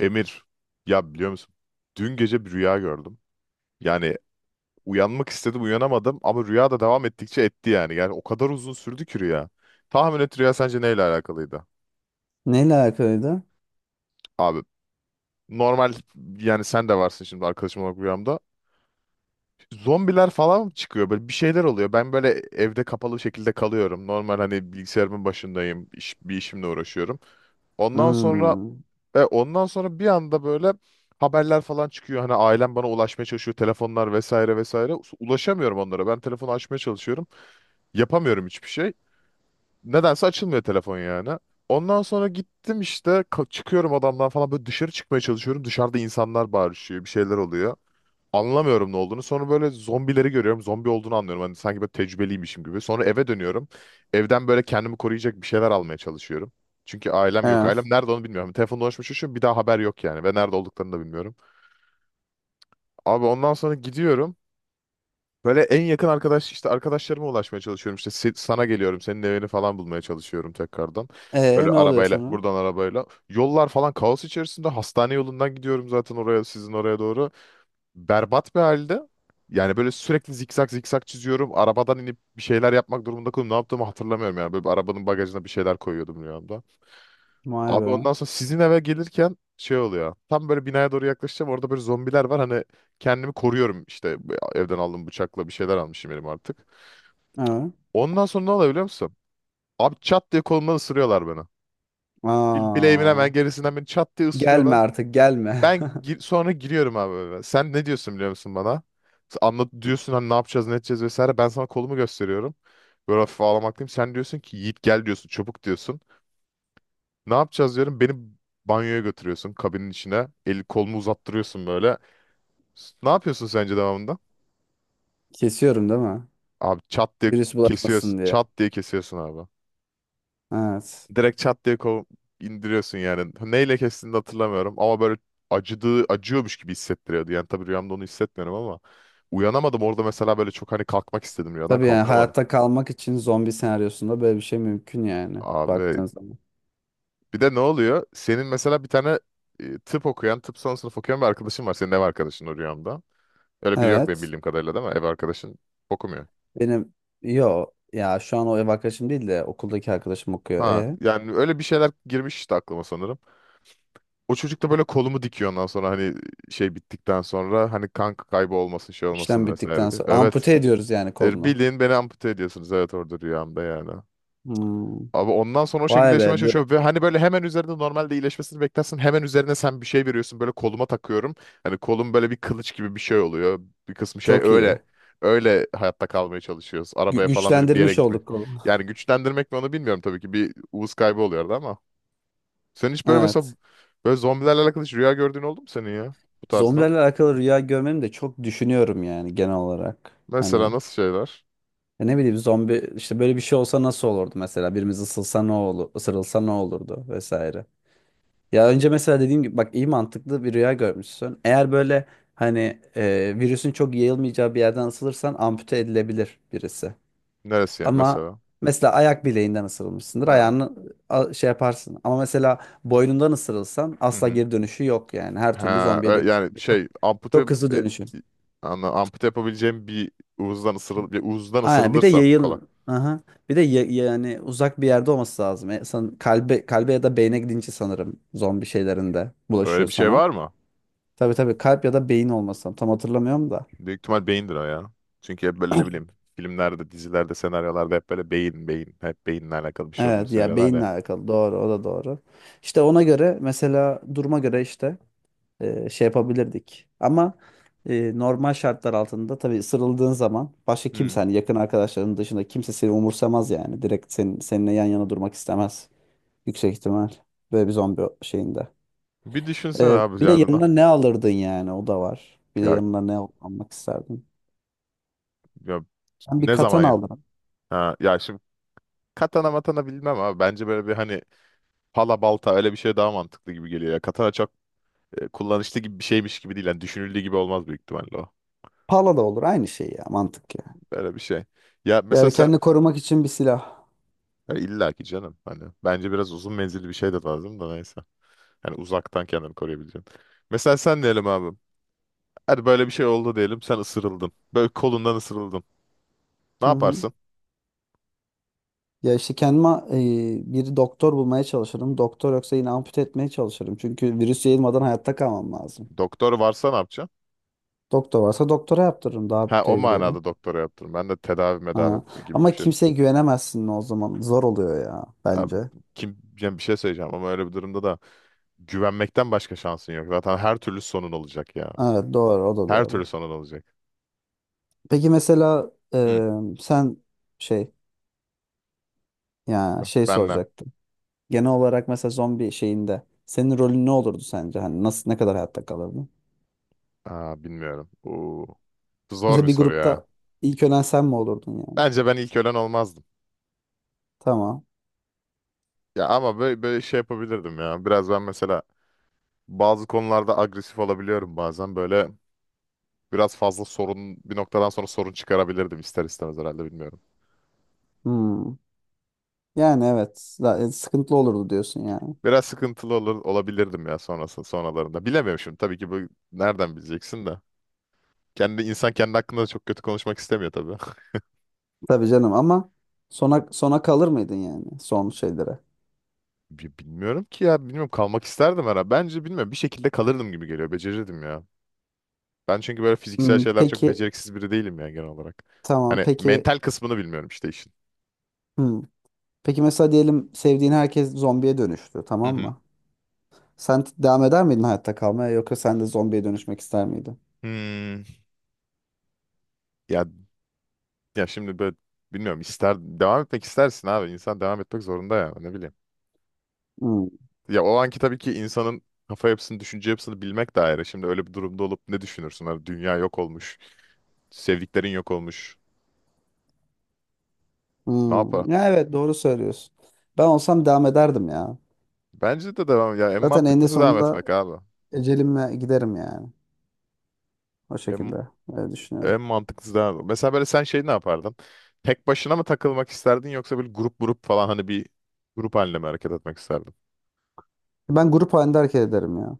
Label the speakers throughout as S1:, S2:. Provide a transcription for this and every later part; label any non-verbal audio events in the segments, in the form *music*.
S1: Emir, ya biliyor musun? Dün gece bir rüya gördüm. Yani uyanmak istedim, uyanamadım ama rüya da devam ettikçe etti yani. Yani o kadar uzun sürdü ki rüya. Tahmin et, rüya sence neyle alakalıydı?
S2: Neyle alakalıydı?
S1: Abi normal, yani sen de varsın şimdi arkadaşım olarak rüyamda. Zombiler falan çıkıyor, böyle bir şeyler oluyor. Ben böyle evde kapalı şekilde kalıyorum. Normal, hani bilgisayarımın başındayım, iş, bir işimle uğraşıyorum. Ondan sonra
S2: Hmm.
S1: Ve ondan sonra bir anda böyle haberler falan çıkıyor. Hani ailem bana ulaşmaya çalışıyor. Telefonlar vesaire vesaire. Ulaşamıyorum onlara. Ben telefonu açmaya çalışıyorum. Yapamıyorum hiçbir şey. Nedense açılmıyor telefon yani. Ondan sonra gittim işte, çıkıyorum adamdan falan, böyle dışarı çıkmaya çalışıyorum. Dışarıda insanlar bağırışıyor. Bir şeyler oluyor. Anlamıyorum ne olduğunu. Sonra böyle zombileri görüyorum. Zombi olduğunu anlıyorum. Hani sanki böyle tecrübeliymişim gibi. Sonra eve dönüyorum. Evden böyle kendimi koruyacak bir şeyler almaya çalışıyorum. Çünkü ailem yok. Ailem
S2: Evet.
S1: nerede onu bilmiyorum. Telefonda konuşmuş şu, bir daha haber yok yani. Ve nerede olduklarını da bilmiyorum. Abi ondan sonra gidiyorum. Böyle en yakın arkadaş işte, arkadaşlarıma ulaşmaya çalışıyorum. İşte sana geliyorum. Senin evini falan bulmaya çalışıyorum tekrardan. Böyle
S2: E ne oluyor
S1: arabayla
S2: sonra?
S1: buradan, arabayla. Yollar falan kaos içerisinde. Hastane yolundan gidiyorum zaten oraya, sizin oraya doğru, berbat bir halde. Yani böyle sürekli zikzak zikzak çiziyorum. Arabadan inip bir şeyler yapmak durumunda kalıyorum. Ne yaptığımı hatırlamıyorum yani. Böyle bir arabanın bagajına bir şeyler koyuyordum rüyamda.
S2: Vay
S1: Abi ondan
S2: be.
S1: sonra sizin eve gelirken şey oluyor. Tam böyle binaya doğru yaklaşacağım. Orada böyle zombiler var. Hani kendimi koruyorum işte, evden aldığım bıçakla bir şeyler almışım elim artık.
S2: Evet.
S1: Ondan sonra ne oluyor biliyor musun? Abi çat diye kolumdan ısırıyorlar beni. Bileğimin
S2: Aa.
S1: hemen gerisinden beni çat diye
S2: Gelme
S1: ısırıyorlar.
S2: artık gelme.
S1: Ben sonra giriyorum abi eve. Sen ne diyorsun biliyor musun bana? Sen "anlat" diyorsun, hani "ne yapacağız, ne edeceğiz" vesaire. Ben sana kolumu gösteriyorum. Böyle hafif ağlamaklıyım. Sen diyorsun ki, "Yiğit gel" diyorsun, "çabuk" diyorsun. "Ne yapacağız?" diyorum. Beni banyoya götürüyorsun, kabinin içine. El kolumu uzattırıyorsun böyle. Ne yapıyorsun sence devamında?
S2: *laughs* Kesiyorum değil mi?
S1: Abi çat diye
S2: Virüs bulaşmasın
S1: kesiyorsun.
S2: diye.
S1: Çat diye kesiyorsun abi.
S2: Evet.
S1: Direkt çat diye indiriyorsun yani. Neyle kestiğini de hatırlamıyorum ama böyle acıyormuş gibi hissettiriyordu. Yani tabii rüyamda onu hissetmiyorum ama uyanamadım orada mesela, böyle çok hani kalkmak istedim rüyadan,
S2: Tabii yani
S1: kalkamadım.
S2: hayatta kalmak için zombi senaryosunda böyle bir şey mümkün yani
S1: Abi
S2: baktığın zaman.
S1: bir de ne oluyor? Senin mesela bir tane tıp son sınıf okuyan bir arkadaşın var. Senin ev arkadaşın o rüyamda. Öyle biri yok benim
S2: Evet.
S1: bildiğim kadarıyla, değil mi? Ev arkadaşın okumuyor.
S2: Benim yo ya şu an o ev arkadaşım değil de okuldaki arkadaşım okuyor.
S1: Ha,
S2: E
S1: yani öyle bir şeyler girmiş işte aklıma sanırım. O çocuk da böyle kolumu dikiyor, ondan sonra hani şey bittikten sonra, hani kan kaybı olmasın, şey
S2: işlem
S1: olmasın vesaire
S2: bittikten
S1: diye.
S2: sonra
S1: Evet.
S2: ampute ediyoruz yani kolunu.
S1: Bildiğin beni ampute ediyorsunuz, evet, orada rüyamda yani.
S2: Hmm.
S1: Abi ondan sonra o
S2: Vay
S1: şekilde
S2: be
S1: yaşamaya çalışıyorum ve hani böyle hemen üzerinde normalde iyileşmesini beklersin. Hemen üzerine sen bir şey veriyorsun, böyle koluma takıyorum. Hani kolum böyle bir kılıç gibi bir şey oluyor. Bir kısmı şey,
S2: çok
S1: öyle
S2: iyi.
S1: öyle hayatta kalmaya çalışıyoruz.
S2: Gü-
S1: Arabaya falan binip bir yere
S2: güçlendirmiş
S1: gitmek.
S2: olduk kolu.
S1: Yani güçlendirmek mi onu bilmiyorum tabii ki. Bir uğuz kaybı oluyordu ama. Sen hiç böyle mesela,
S2: Evet.
S1: böyle zombilerle alakalı hiç rüya gördüğün oldu mu senin ya? Bu tarzda.
S2: Zombilerle alakalı rüya görmemi de çok düşünüyorum yani genel olarak.
S1: Mesela
S2: Hani
S1: nasıl şeyler?
S2: ya ne bileyim zombi işte böyle bir şey olsa nasıl olurdu mesela birimiz ısılsa ne olur, ısırılsa ne olurdu vesaire. Ya önce mesela dediğim gibi bak iyi mantıklı bir rüya görmüşsün. Eğer böyle hani virüsün çok yayılmayacağı bir yerden ısılırsan ampute edilebilir birisi.
S1: Neresi ya
S2: Ama
S1: mesela?
S2: mesela ayak bileğinden ısırılmışsındır.
S1: Ha.
S2: Ayağını şey yaparsın. Ama mesela boynundan ısırılsan
S1: Hı
S2: asla
S1: hı.
S2: geri dönüşü yok yani. Her türlü
S1: Ha,
S2: zombiye
S1: yani
S2: dönüştün. Çok,
S1: şey
S2: çok hızlı
S1: e,
S2: dönüşün.
S1: ampute yapabileceğim bir, uzdan ısırıl bir uzdan
S2: Aynen. Bir de
S1: ısırılırsam kolay.
S2: yayıl. Aha. Bir de yani uzak bir yerde olması lazım. Kalbe ya da beyne gidince sanırım zombi şeylerinde
S1: Öyle
S2: bulaşıyor
S1: bir şey
S2: sana.
S1: var mı?
S2: Tabii tabii kalp ya da beyin olmasın. Tam hatırlamıyorum da.
S1: Büyük ihtimal beyindir o ya. Çünkü hep böyle ne
S2: *clears throat*
S1: bileyim, filmlerde, dizilerde, senaryolarda hep böyle beyin, beyin, hep beyinle alakalı bir şey olduğunu
S2: Evet ya
S1: söylüyorlar
S2: beyinle
S1: ya.
S2: alakalı doğru, o da doğru. İşte ona göre mesela duruma göre işte şey yapabilirdik. Ama normal şartlar altında tabii sırıldığın zaman başka kimse
S1: Hı.
S2: hani yakın arkadaşların dışında kimse seni umursamaz yani. Direkt seninle yan yana durmak istemez. Yüksek ihtimal. Böyle bir zombi şeyinde.
S1: Bir düşünsene
S2: E,
S1: abi
S2: bir de
S1: yanına.
S2: yanına ne alırdın yani, o da var. Bir de
S1: Ya,
S2: yanına ne almak isterdin?
S1: ya
S2: Ben bir
S1: ne
S2: katan
S1: zaman ya?
S2: aldım.
S1: Ha, ya şimdi katana matana bilmem abi. Bence böyle bir hani pala balta, öyle bir şey daha mantıklı gibi geliyor ya. Katana çok kullanışlı gibi bir şeymiş gibi değil. Yani düşünüldüğü gibi olmaz büyük ihtimalle o.
S2: Pala da olur aynı şey ya, mantık ya.
S1: Böyle bir şey. Ya mesela
S2: Yani
S1: sen
S2: kendini korumak için bir silah.
S1: ya illa ki canım, hani bence biraz uzun menzilli bir şey de lazım da neyse. Yani uzaktan kendini koruyabileceksin. Mesela sen diyelim abi. Hadi böyle bir şey oldu diyelim. Sen ısırıldın. Böyle kolundan ısırıldın. Ne
S2: Hı hı.
S1: yaparsın?
S2: Ya işte kendime bir doktor bulmaya çalışırım. Doktor yoksa yine ampute etmeye çalışırım. Çünkü virüs yayılmadan hayatta kalmam lazım.
S1: Doktor varsa ne yapacaksın?
S2: Doktor varsa doktora yaptırırım, daha
S1: Ha, o
S2: tecrübeli.
S1: manada doktora yaptırım. Ben de tedavi medavi
S2: Ha.
S1: gibi bir
S2: Ama
S1: şey.
S2: kimseye güvenemezsin o zaman. Zor oluyor ya
S1: Abi
S2: bence.
S1: kim, yani bir şey söyleyeceğim ama öyle bir durumda da güvenmekten başka şansın yok. Zaten her türlü sonun olacak ya.
S2: Evet, doğru, o da
S1: Her
S2: doğru.
S1: türlü sonun olacak.
S2: Peki mesela
S1: Hı.
S2: sen şey ya şey
S1: Ben ne?
S2: soracaktım. Genel olarak mesela zombi şeyinde senin rolün ne olurdu sence? Hani nasıl, ne kadar hayatta kalırdın?
S1: Aa, bilmiyorum. Oo, zor
S2: Mesela
S1: bir
S2: bir
S1: soru ya.
S2: grupta ilk ölen sen mi olurdun yani?
S1: Bence ben ilk ölen olmazdım.
S2: Tamam.
S1: Ya ama böyle şey yapabilirdim ya. Biraz ben mesela bazı konularda agresif olabiliyorum bazen. Böyle biraz fazla sorun, bir noktadan sonra sorun çıkarabilirdim ister istemez herhalde, bilmiyorum.
S2: Hmm. Yani evet. Sıkıntılı olurdu diyorsun yani.
S1: Biraz sıkıntılı olabilirdim ya sonralarında. Bilemiyorum şimdi tabii ki bu, nereden bileceksin de. Kendi insan kendi hakkında da çok kötü konuşmak istemiyor tabii.
S2: Tabii canım, ama sona sona kalır mıydın yani, son şeylere?
S1: Bilmiyorum ki ya, bilmiyorum, kalmak isterdim herhalde. Bence bilmiyorum, bir şekilde kalırdım gibi geliyor. Becerirdim ya. Ben çünkü böyle fiziksel
S2: Hmm,
S1: şeyler çok
S2: peki,
S1: beceriksiz biri değilim ya genel olarak.
S2: tamam,
S1: Hani
S2: peki.
S1: mental kısmını bilmiyorum işte işin.
S2: Hmm. Peki mesela diyelim, sevdiğin herkes zombiye dönüştü,
S1: Hı
S2: tamam
S1: hı.
S2: mı? Sen devam eder miydin hayatta kalmaya, yoksa sen de zombiye dönüşmek ister miydin?
S1: Hmm. Ya ya şimdi böyle bilmiyorum, ister devam etmek istersin abi. İnsan devam etmek zorunda ya, ne bileyim.
S2: Hmm.
S1: Ya o anki tabii ki insanın kafa yapısını, düşünce yapısını bilmek de ayrı. Şimdi öyle bir durumda olup ne düşünürsün? Hani dünya yok olmuş. Sevdiklerin yok olmuş. Ne yapar?
S2: Hmm. Ya evet, doğru söylüyorsun. Ben olsam devam ederdim ya.
S1: Bence de devam, ya en
S2: Zaten eninde
S1: mantıklısı devam
S2: sonunda
S1: etmek abi.
S2: ecelimle giderim yani. O
S1: En
S2: şekilde, öyle düşünüyorum.
S1: En mantıklısı da, mesela böyle sen şey ne yapardın? Tek başına mı takılmak isterdin, yoksa böyle grup grup falan, hani bir grup halinde mi hareket etmek isterdin?
S2: Ben grup halinde hareket ederim ya.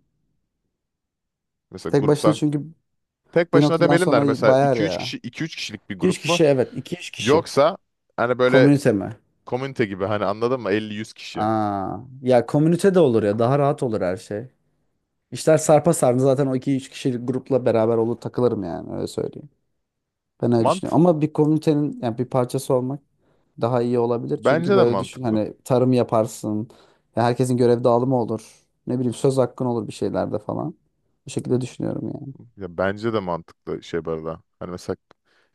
S1: Mesela
S2: Tek başına
S1: gruptan
S2: çünkü.
S1: tek
S2: Bir
S1: başına
S2: noktadan
S1: demeyelim de, hani
S2: sonra
S1: mesela
S2: bayar
S1: iki üç
S2: ya.
S1: kişi 2-3 kişilik bir
S2: 2-3
S1: grup mu?
S2: kişi, evet. 2-3 kişi.
S1: Yoksa hani böyle
S2: Komünite mi?
S1: komünite gibi, hani, anladın mı? 50-100 kişi.
S2: Aa, ya komünite de olur ya. Daha rahat olur her şey. İşler sarpa sardı. Zaten o 2-3 kişilik grupla beraber olur, takılırım yani. Öyle söyleyeyim. Ben öyle
S1: Mant
S2: düşünüyorum. Ama bir komünitenin yani bir parçası olmak daha iyi olabilir. Çünkü
S1: Bence de
S2: böyle düşün,
S1: mantıklı.
S2: hani tarım yaparsın. Ya herkesin görev dağılımı olur. Ne bileyim, söz hakkın olur bir şeylerde falan. Bu şekilde düşünüyorum yani.
S1: Ya bence de mantıklı şey bu arada. Hani mesela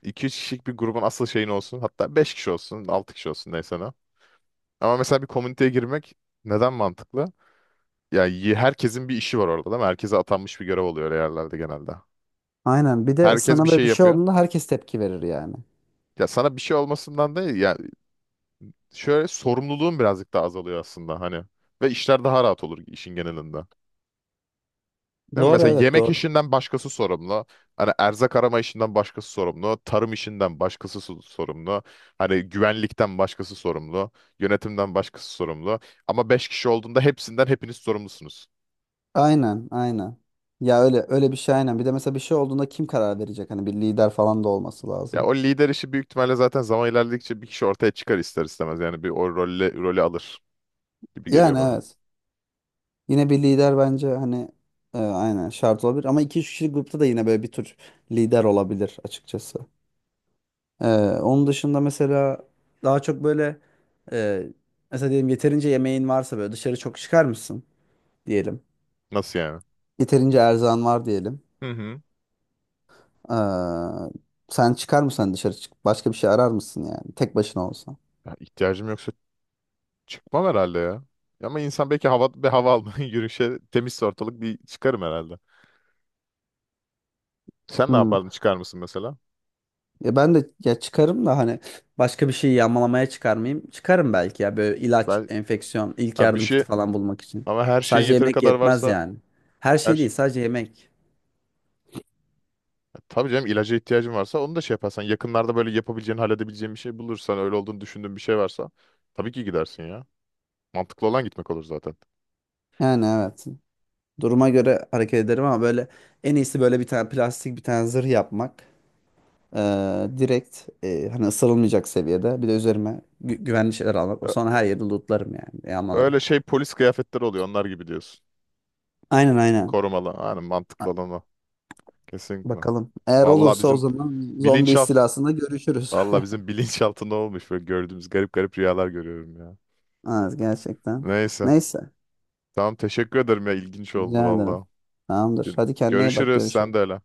S1: iki üç kişilik bir grubun asıl şeyin olsun. Hatta 5 kişi olsun, 6 kişi olsun, neyse ne. Ama mesela bir komüniteye girmek neden mantıklı? Yani herkesin bir işi var orada, değil mi? Herkese atanmış bir görev oluyor yerlerde genelde.
S2: Aynen. Bir de
S1: Herkes
S2: sana
S1: bir
S2: böyle
S1: şey
S2: bir şey
S1: yapıyor.
S2: olduğunda herkes tepki verir yani.
S1: Ya sana bir şey olmasından değil ya, şöyle sorumluluğun birazcık daha azalıyor aslında hani. Ve işler daha rahat olur işin genelinde. Değil mi?
S2: Doğru,
S1: Mesela
S2: evet,
S1: yemek
S2: doğru.
S1: işinden başkası sorumlu. Hani erzak arama işinden başkası sorumlu. Tarım işinden başkası sorumlu. Hani güvenlikten başkası sorumlu. Yönetimden başkası sorumlu. Ama 5 kişi olduğunda hepiniz sorumlusunuz.
S2: Aynen, aynen. Ya öyle öyle bir şey, aynen. Bir de mesela bir şey olduğunda kim karar verecek? Hani bir lider falan da olması
S1: Ya
S2: lazım.
S1: o lider işi büyük ihtimalle zaten zaman ilerledikçe bir kişi ortaya çıkar ister istemez. Yani bir o rolü alır gibi geliyor
S2: Yani
S1: bana.
S2: evet. Yine bir lider bence hani aynen şart olabilir. Ama iki üç kişilik grupta da yine böyle bir tür lider olabilir açıkçası. E, onun dışında mesela daha çok böyle e, mesela diyelim, yeterince yemeğin varsa böyle dışarı çok çıkar mısın diyelim.
S1: Nasıl yani?
S2: Yeterince erzağın var diyelim.
S1: Hı hı.
S2: E, sen çıkar mısın, hani dışarı çık? Başka bir şey arar mısın yani, tek başına olsan?
S1: Ya ihtiyacım yoksa çıkmam herhalde ya. Ama insan belki hava, bir hava almaya *laughs* yürüyüşe, temizse ortalık, bir çıkarım herhalde. Sen ne
S2: Hmm.
S1: yapardın? Çıkar mısın mesela?
S2: Ya ben de, ya çıkarım da hani başka bir şey yağmalamaya çıkarmayayım. Çıkarım belki ya, böyle ilaç,
S1: Ben
S2: enfeksiyon, ilk
S1: ha bir
S2: yardım
S1: şey
S2: kiti falan bulmak için.
S1: ama her şeyin
S2: Sadece
S1: yeteri
S2: yemek
S1: kadar
S2: yetmez
S1: varsa,
S2: yani. Her
S1: her
S2: şey, değil
S1: şey.
S2: sadece yemek.
S1: Ya tabii canım, ilaca ihtiyacın varsa onu da şey yaparsan, yakınlarda böyle yapabileceğin, halledebileceğin bir şey bulursan, öyle olduğunu düşündüğün bir şey varsa tabii ki gidersin ya. Mantıklı olan gitmek olur zaten.
S2: Yani evet. Duruma göre hareket ederim, ama böyle en iyisi böyle bir tane plastik bir tane zırh yapmak. Direkt hani ısırılmayacak seviyede. Bir de üzerime güvenli şeyler almak. Sonra her yeri lootlarım yani, yağmalarım.
S1: Öyle şey, polis kıyafetleri oluyor onlar gibi diyorsun.
S2: Aynen, aynen.
S1: Korumalı. Yani mantıklı olan o. Kesinlikle.
S2: Bakalım. Eğer
S1: Vallahi
S2: olursa, o
S1: bizim
S2: zaman zombi
S1: bilinçaltı
S2: istilasında görüşürüz.
S1: Vallahi
S2: *laughs*
S1: bizim *laughs* bilinçaltında olmuş böyle gördüğümüz garip garip rüyalar görüyorum ya.
S2: Az gerçekten.
S1: Neyse.
S2: Neyse.
S1: Tamam, teşekkür ederim ya, ilginç oldu
S2: Rica ederim.
S1: vallahi.
S2: Tamamdır. Hadi kendine iyi bak.
S1: Görüşürüz, sen de
S2: Görüşürüz.
S1: öyle.